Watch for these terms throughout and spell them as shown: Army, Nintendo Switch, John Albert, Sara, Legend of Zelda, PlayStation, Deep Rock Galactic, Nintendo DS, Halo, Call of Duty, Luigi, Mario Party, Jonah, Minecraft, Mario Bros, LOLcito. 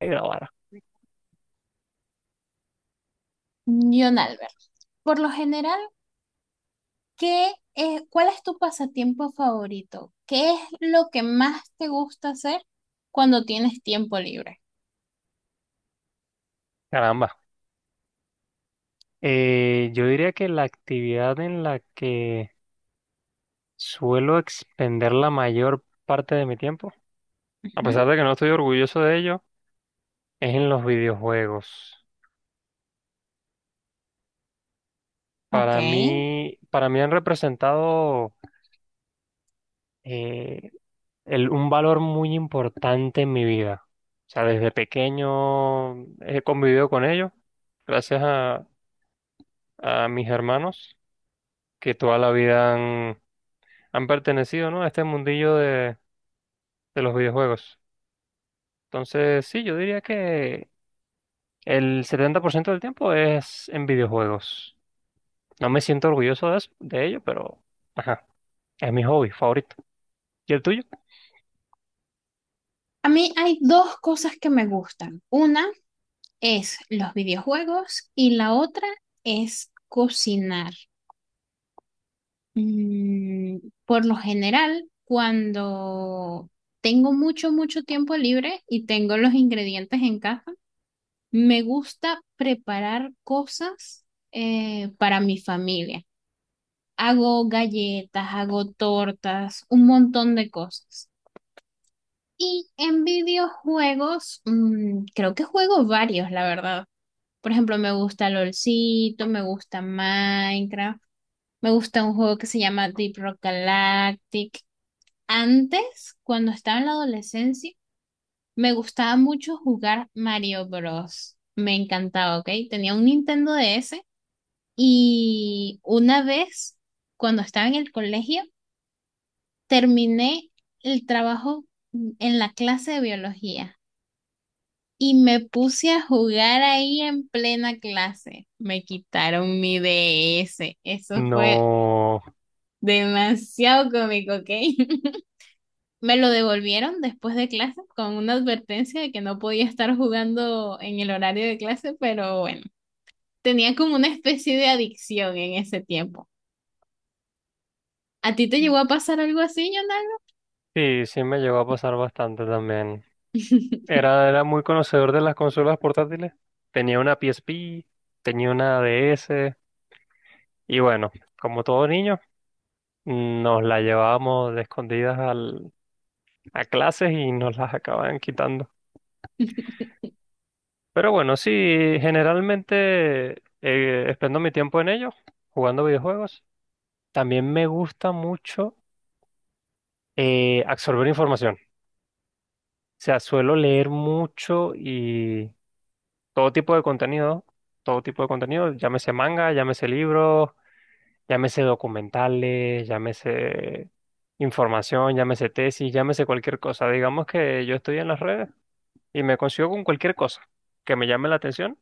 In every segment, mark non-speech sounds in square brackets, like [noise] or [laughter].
De grabar. John Albert, por lo general, ¿Cuál es tu pasatiempo favorito? ¿Qué es lo que más te gusta hacer cuando tienes tiempo libre? Caramba. Yo diría que la actividad en la que suelo expender la mayor parte de mi tiempo, a pesar Ujú. de que no estoy orgulloso de ello, es en los videojuegos. Ok. Para mí han representado eh, un valor muy importante en mi vida. O sea, desde pequeño he convivido con ellos, gracias a mis hermanos que toda la vida han, han pertenecido, ¿no?, a este mundillo de los videojuegos. Entonces, sí, yo diría que el 70% del tiempo es en videojuegos. No me siento orgulloso de de ello, pero ajá, es mi hobby favorito. ¿Y el tuyo? A mí hay dos cosas que me gustan. Una es los videojuegos y la otra es cocinar. Mm, por lo general, cuando tengo mucho, mucho tiempo libre y tengo los ingredientes en casa, me gusta preparar cosas para mi familia. Hago galletas, hago tortas, un montón de cosas. Y en videojuegos, creo que juego varios, la verdad. Por ejemplo, me gusta LOLcito, me gusta Minecraft, me gusta un juego que se llama Deep Rock Galactic. Antes, cuando estaba en la adolescencia, me gustaba mucho jugar Mario Bros. Me encantaba, ¿ok? Tenía un Nintendo DS. Y una vez, cuando estaba en el colegio, terminé el trabajo en la clase de biología y me puse a jugar ahí en plena clase. Me quitaron mi DS. Eso fue No, demasiado cómico, ¿ok? [laughs] Me lo devolvieron después de clase con una advertencia de que no podía estar jugando en el horario de clase, pero bueno, tenía como una especie de adicción en ese tiempo. ¿A ti te llegó a pasar algo así, Jonah? sí, sí me llegó a pasar bastante también. [laughs] Era muy conocedor de las consolas portátiles. Tenía una PSP, tenía una DS, y bueno, como todo niño, nos la llevábamos de escondidas al, a clases, y nos las acababan quitando. Pero bueno, sí, generalmente expendo mi tiempo en ello, jugando videojuegos. También me gusta mucho absorber información. O sea, suelo leer mucho y todo tipo de contenido, todo tipo de contenido, llámese manga, llámese libros, llámese documentales, llámese información, llámese tesis, llámese cualquier cosa. Digamos que yo estoy en las redes y me consigo con cualquier cosa que me llame la atención,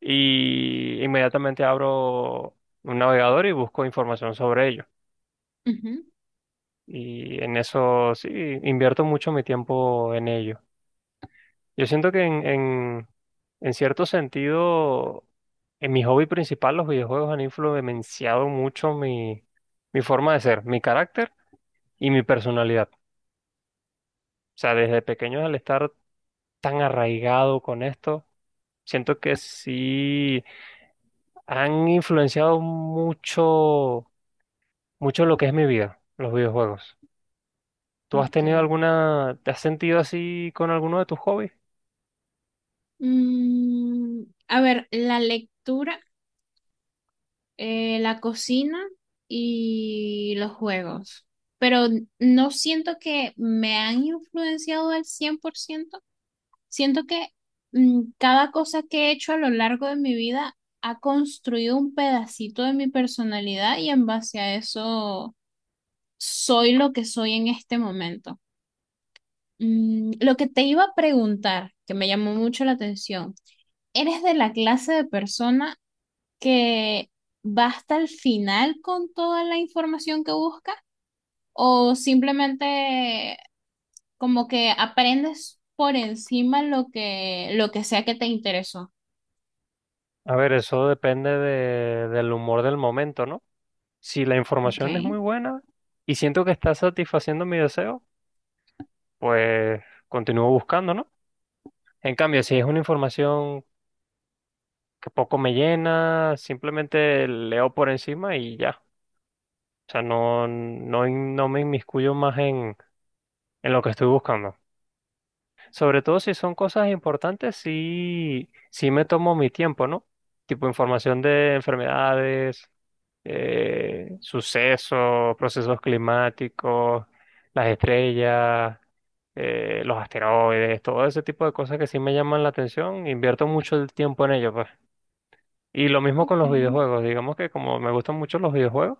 y inmediatamente abro un navegador y busco información sobre ello. Ujú. Y en eso sí, invierto mucho mi tiempo en ello. Yo siento que en cierto sentido, en mi hobby principal, los videojuegos han influenciado mucho mi, mi forma de ser, mi carácter y mi personalidad. O sea, desde pequeño al estar tan arraigado con esto, siento que sí han influenciado mucho mucho lo que es mi vida, los videojuegos. ¿Tú has Ok. tenido alguna, te has sentido así con alguno de tus hobbies? A ver, la lectura, la cocina y los juegos. Pero no siento que me han influenciado al 100%. Siento que cada cosa que he hecho a lo largo de mi vida ha construido un pedacito de mi personalidad y en base a eso soy lo que soy en este momento. Lo que te iba a preguntar, que me llamó mucho la atención. Eres de la clase de persona que va hasta el final con toda la información que busca o simplemente como que aprendes por encima lo que sea que te interesó. A ver, eso depende del humor del momento, ¿no? Si la Ok, información es muy buena y siento que está satisfaciendo mi deseo, pues continúo buscando, ¿no? En cambio, si es una información que poco me llena, simplemente leo por encima y ya. O sea, no me inmiscuyo más en lo que estoy buscando. Sobre todo si son cosas importantes, sí, sí me tomo mi tiempo, ¿no? Tipo información de enfermedades, sucesos, procesos climáticos, las estrellas, los asteroides, todo ese tipo de cosas que sí me llaman la atención, invierto mucho el tiempo en ello, pues. Y lo mismo con ok. los videojuegos, digamos que como me gustan mucho los videojuegos,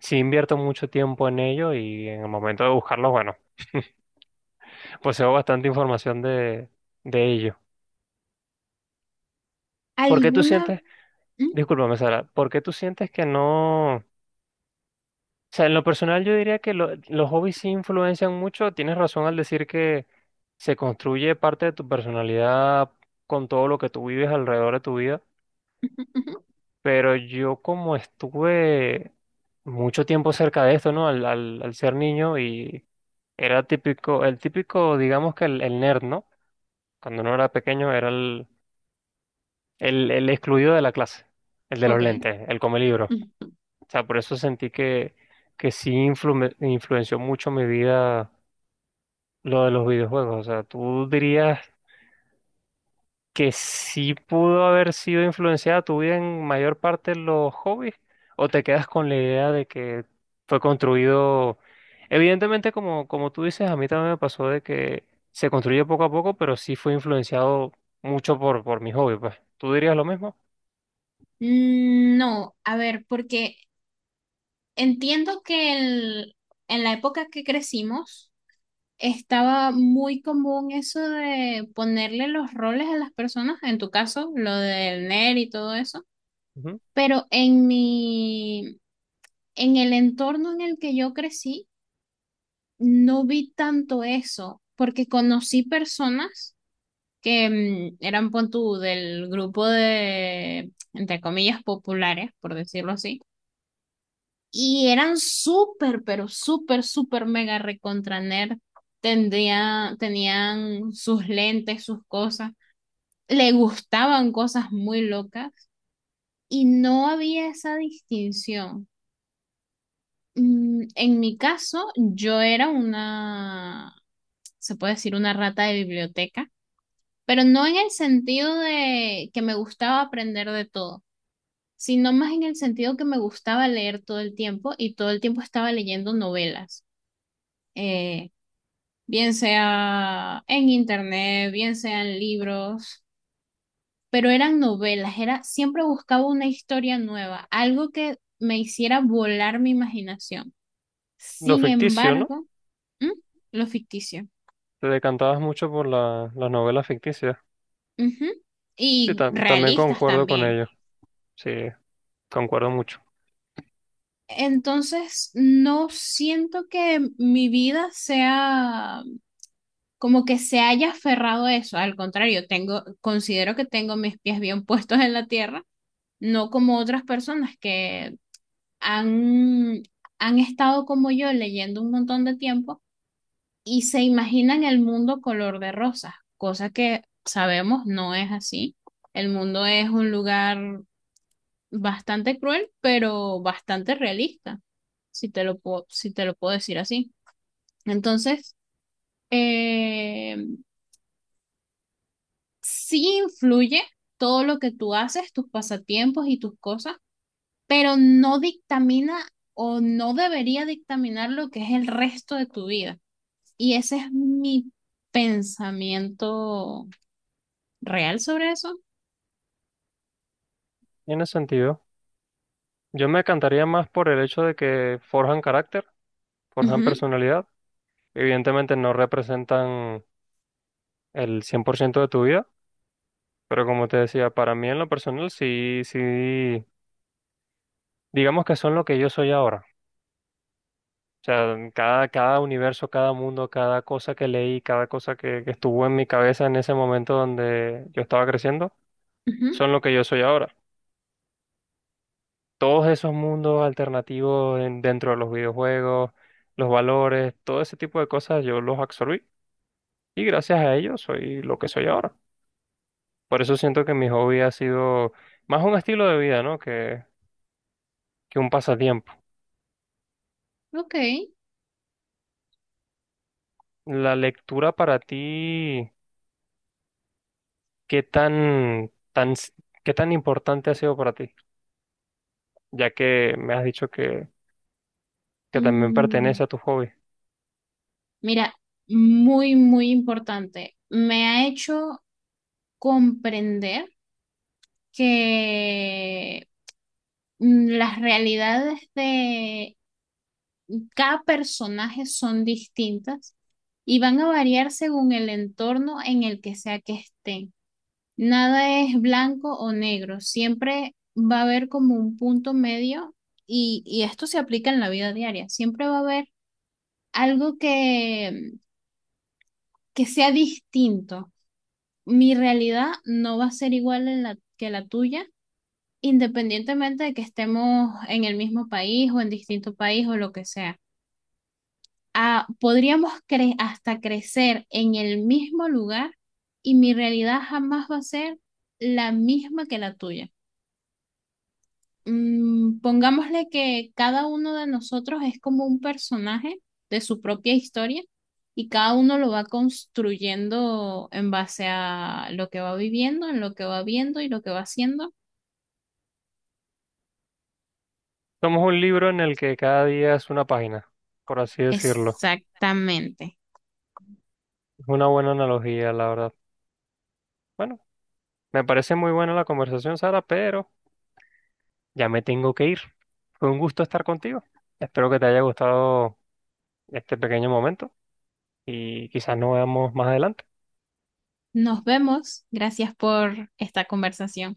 sí invierto mucho tiempo en ello, y en el momento de buscarlos, bueno, poseo bastante información de ello. ¿Por qué tú ¿Alguna? sientes? Mm, Discúlpame, Sara, ¿por qué tú sientes que no? O sea, en lo personal yo diría que los hobbies sí influencian mucho. Tienes razón al decir que se construye parte de tu personalidad con todo lo que tú vives alrededor de tu vida. ujú, ujú, Pero yo como estuve mucho tiempo cerca de esto, ¿no? Al ser niño, y era típico, el típico, digamos que el nerd, ¿no? Cuando uno era pequeño era el excluido de la clase, el de los ok. lentes, el come. O Ujú. sea, por eso sentí que sí influenció mucho mi vida lo de los videojuegos. O sea, ¿tú dirías que sí pudo haber sido influenciada tu vida en mayor parte los hobbies? ¿O te quedas con la idea de que fue construido? Evidentemente, como, como tú dices, a mí también me pasó de que se construye poco a poco, pero sí fue influenciado mucho por mi hobby, pues. ¿Tú dirías lo mismo? No a ver, porque entiendo que en la época que crecimos, estaba muy común eso de ponerle los roles a las personas, en tu caso, lo del nerd y todo eso, Ujú. pero en el entorno en el que yo crecí, no vi tanto eso, porque conocí personas que eran, pon tú, del grupo de, entre comillas, populares, por decirlo así. Y eran súper, pero súper, súper mega recontra nerd. Tenían sus lentes, sus cosas. Le gustaban cosas muy locas y no había esa distinción. En mi caso, yo era una, se puede decir, una rata de biblioteca, pero no en el sentido de que me gustaba aprender de todo, sino más en el sentido que me gustaba leer todo el tiempo y todo el tiempo estaba leyendo novelas. Eh, bien sea en internet, bien sea en libros, pero eran novelas, siempre buscaba una historia nueva, algo que me hiciera volar mi imaginación. Lo Sin ficticio, ¿no? embargo, ¿m? Lo ficticio. Te decantabas mucho por la, las novelas ficticias. Ujú. Sí, Y también realistas concuerdo con también. ello. Sí, concuerdo mucho. Entonces, no siento que mi vida sea como que se haya aferrado a eso. Al contrario, considero que tengo mis pies bien [laughs] puestos en la tierra, no como otras personas que han, han estado como yo leyendo un montón de tiempo y se imaginan el mundo color de rosas, cosa que sabemos no es así. El mundo es un lugar bastante cruel, pero bastante realista, si te lo puedo decir así. Entonces, eh, sí influye todo lo que tú haces, tus pasatiempos y tus cosas, pero no dictamina o no debería dictaminar lo que es el resto de tu vida. Y ese es mi pensamiento real sobre eso. Y en ese sentido, yo me encantaría más por el hecho de que forjan carácter, forjan Ujú, personalidad. Evidentemente no representan el 100% de tu vida, pero como te decía, para mí en lo personal sí, sí, digamos que son lo que yo soy ahora. O sea, cada, cada universo, cada mundo, cada cosa que leí, cada cosa que estuvo en mi cabeza en ese momento donde yo estaba creciendo, ujú, son lo que yo soy ahora. Todos esos mundos alternativos dentro de los videojuegos, los valores, todo ese tipo de cosas yo los absorbí, y gracias a ello soy lo que soy ahora. Por eso siento que mi hobby ha sido más un estilo de vida, ¿no? Que un pasatiempo. ok. La lectura para ti, ¿qué tan, tan, s- qué tan importante ha sido para ti? Ya que me has dicho que también pertenece Mm, a tu hobby. mira, muy, muy importante. Me ha hecho comprender que las realidades de cada personaje son distintas y van a variar según el entorno en el que sea que estén. Nada es blanco o negro, siempre va a haber como un punto medio y esto se aplica en la vida diaria, siempre va a haber algo que sea distinto. Mi realidad no va a ser igual que la tuya, independientemente de que estemos en el mismo país o en distinto país o lo que sea. Ah, podríamos hasta crecer en el mismo lugar y mi realidad jamás va a ser la misma que la tuya. Pongámosle que cada uno de nosotros es como un personaje de su propia historia y cada uno lo va construyendo en base a lo que va viviendo, en lo que va viendo y lo que va haciendo. Somos un libro en el que cada día es una página, por así decirlo. Exactamente. Es una buena analogía, la verdad. Bueno, me parece muy buena la conversación, Sara, pero ya me tengo que ir. Fue un gusto estar contigo. Espero que te haya gustado este pequeño momento, y quizás nos veamos más adelante. Nos vemos. Gracias por esta conversación.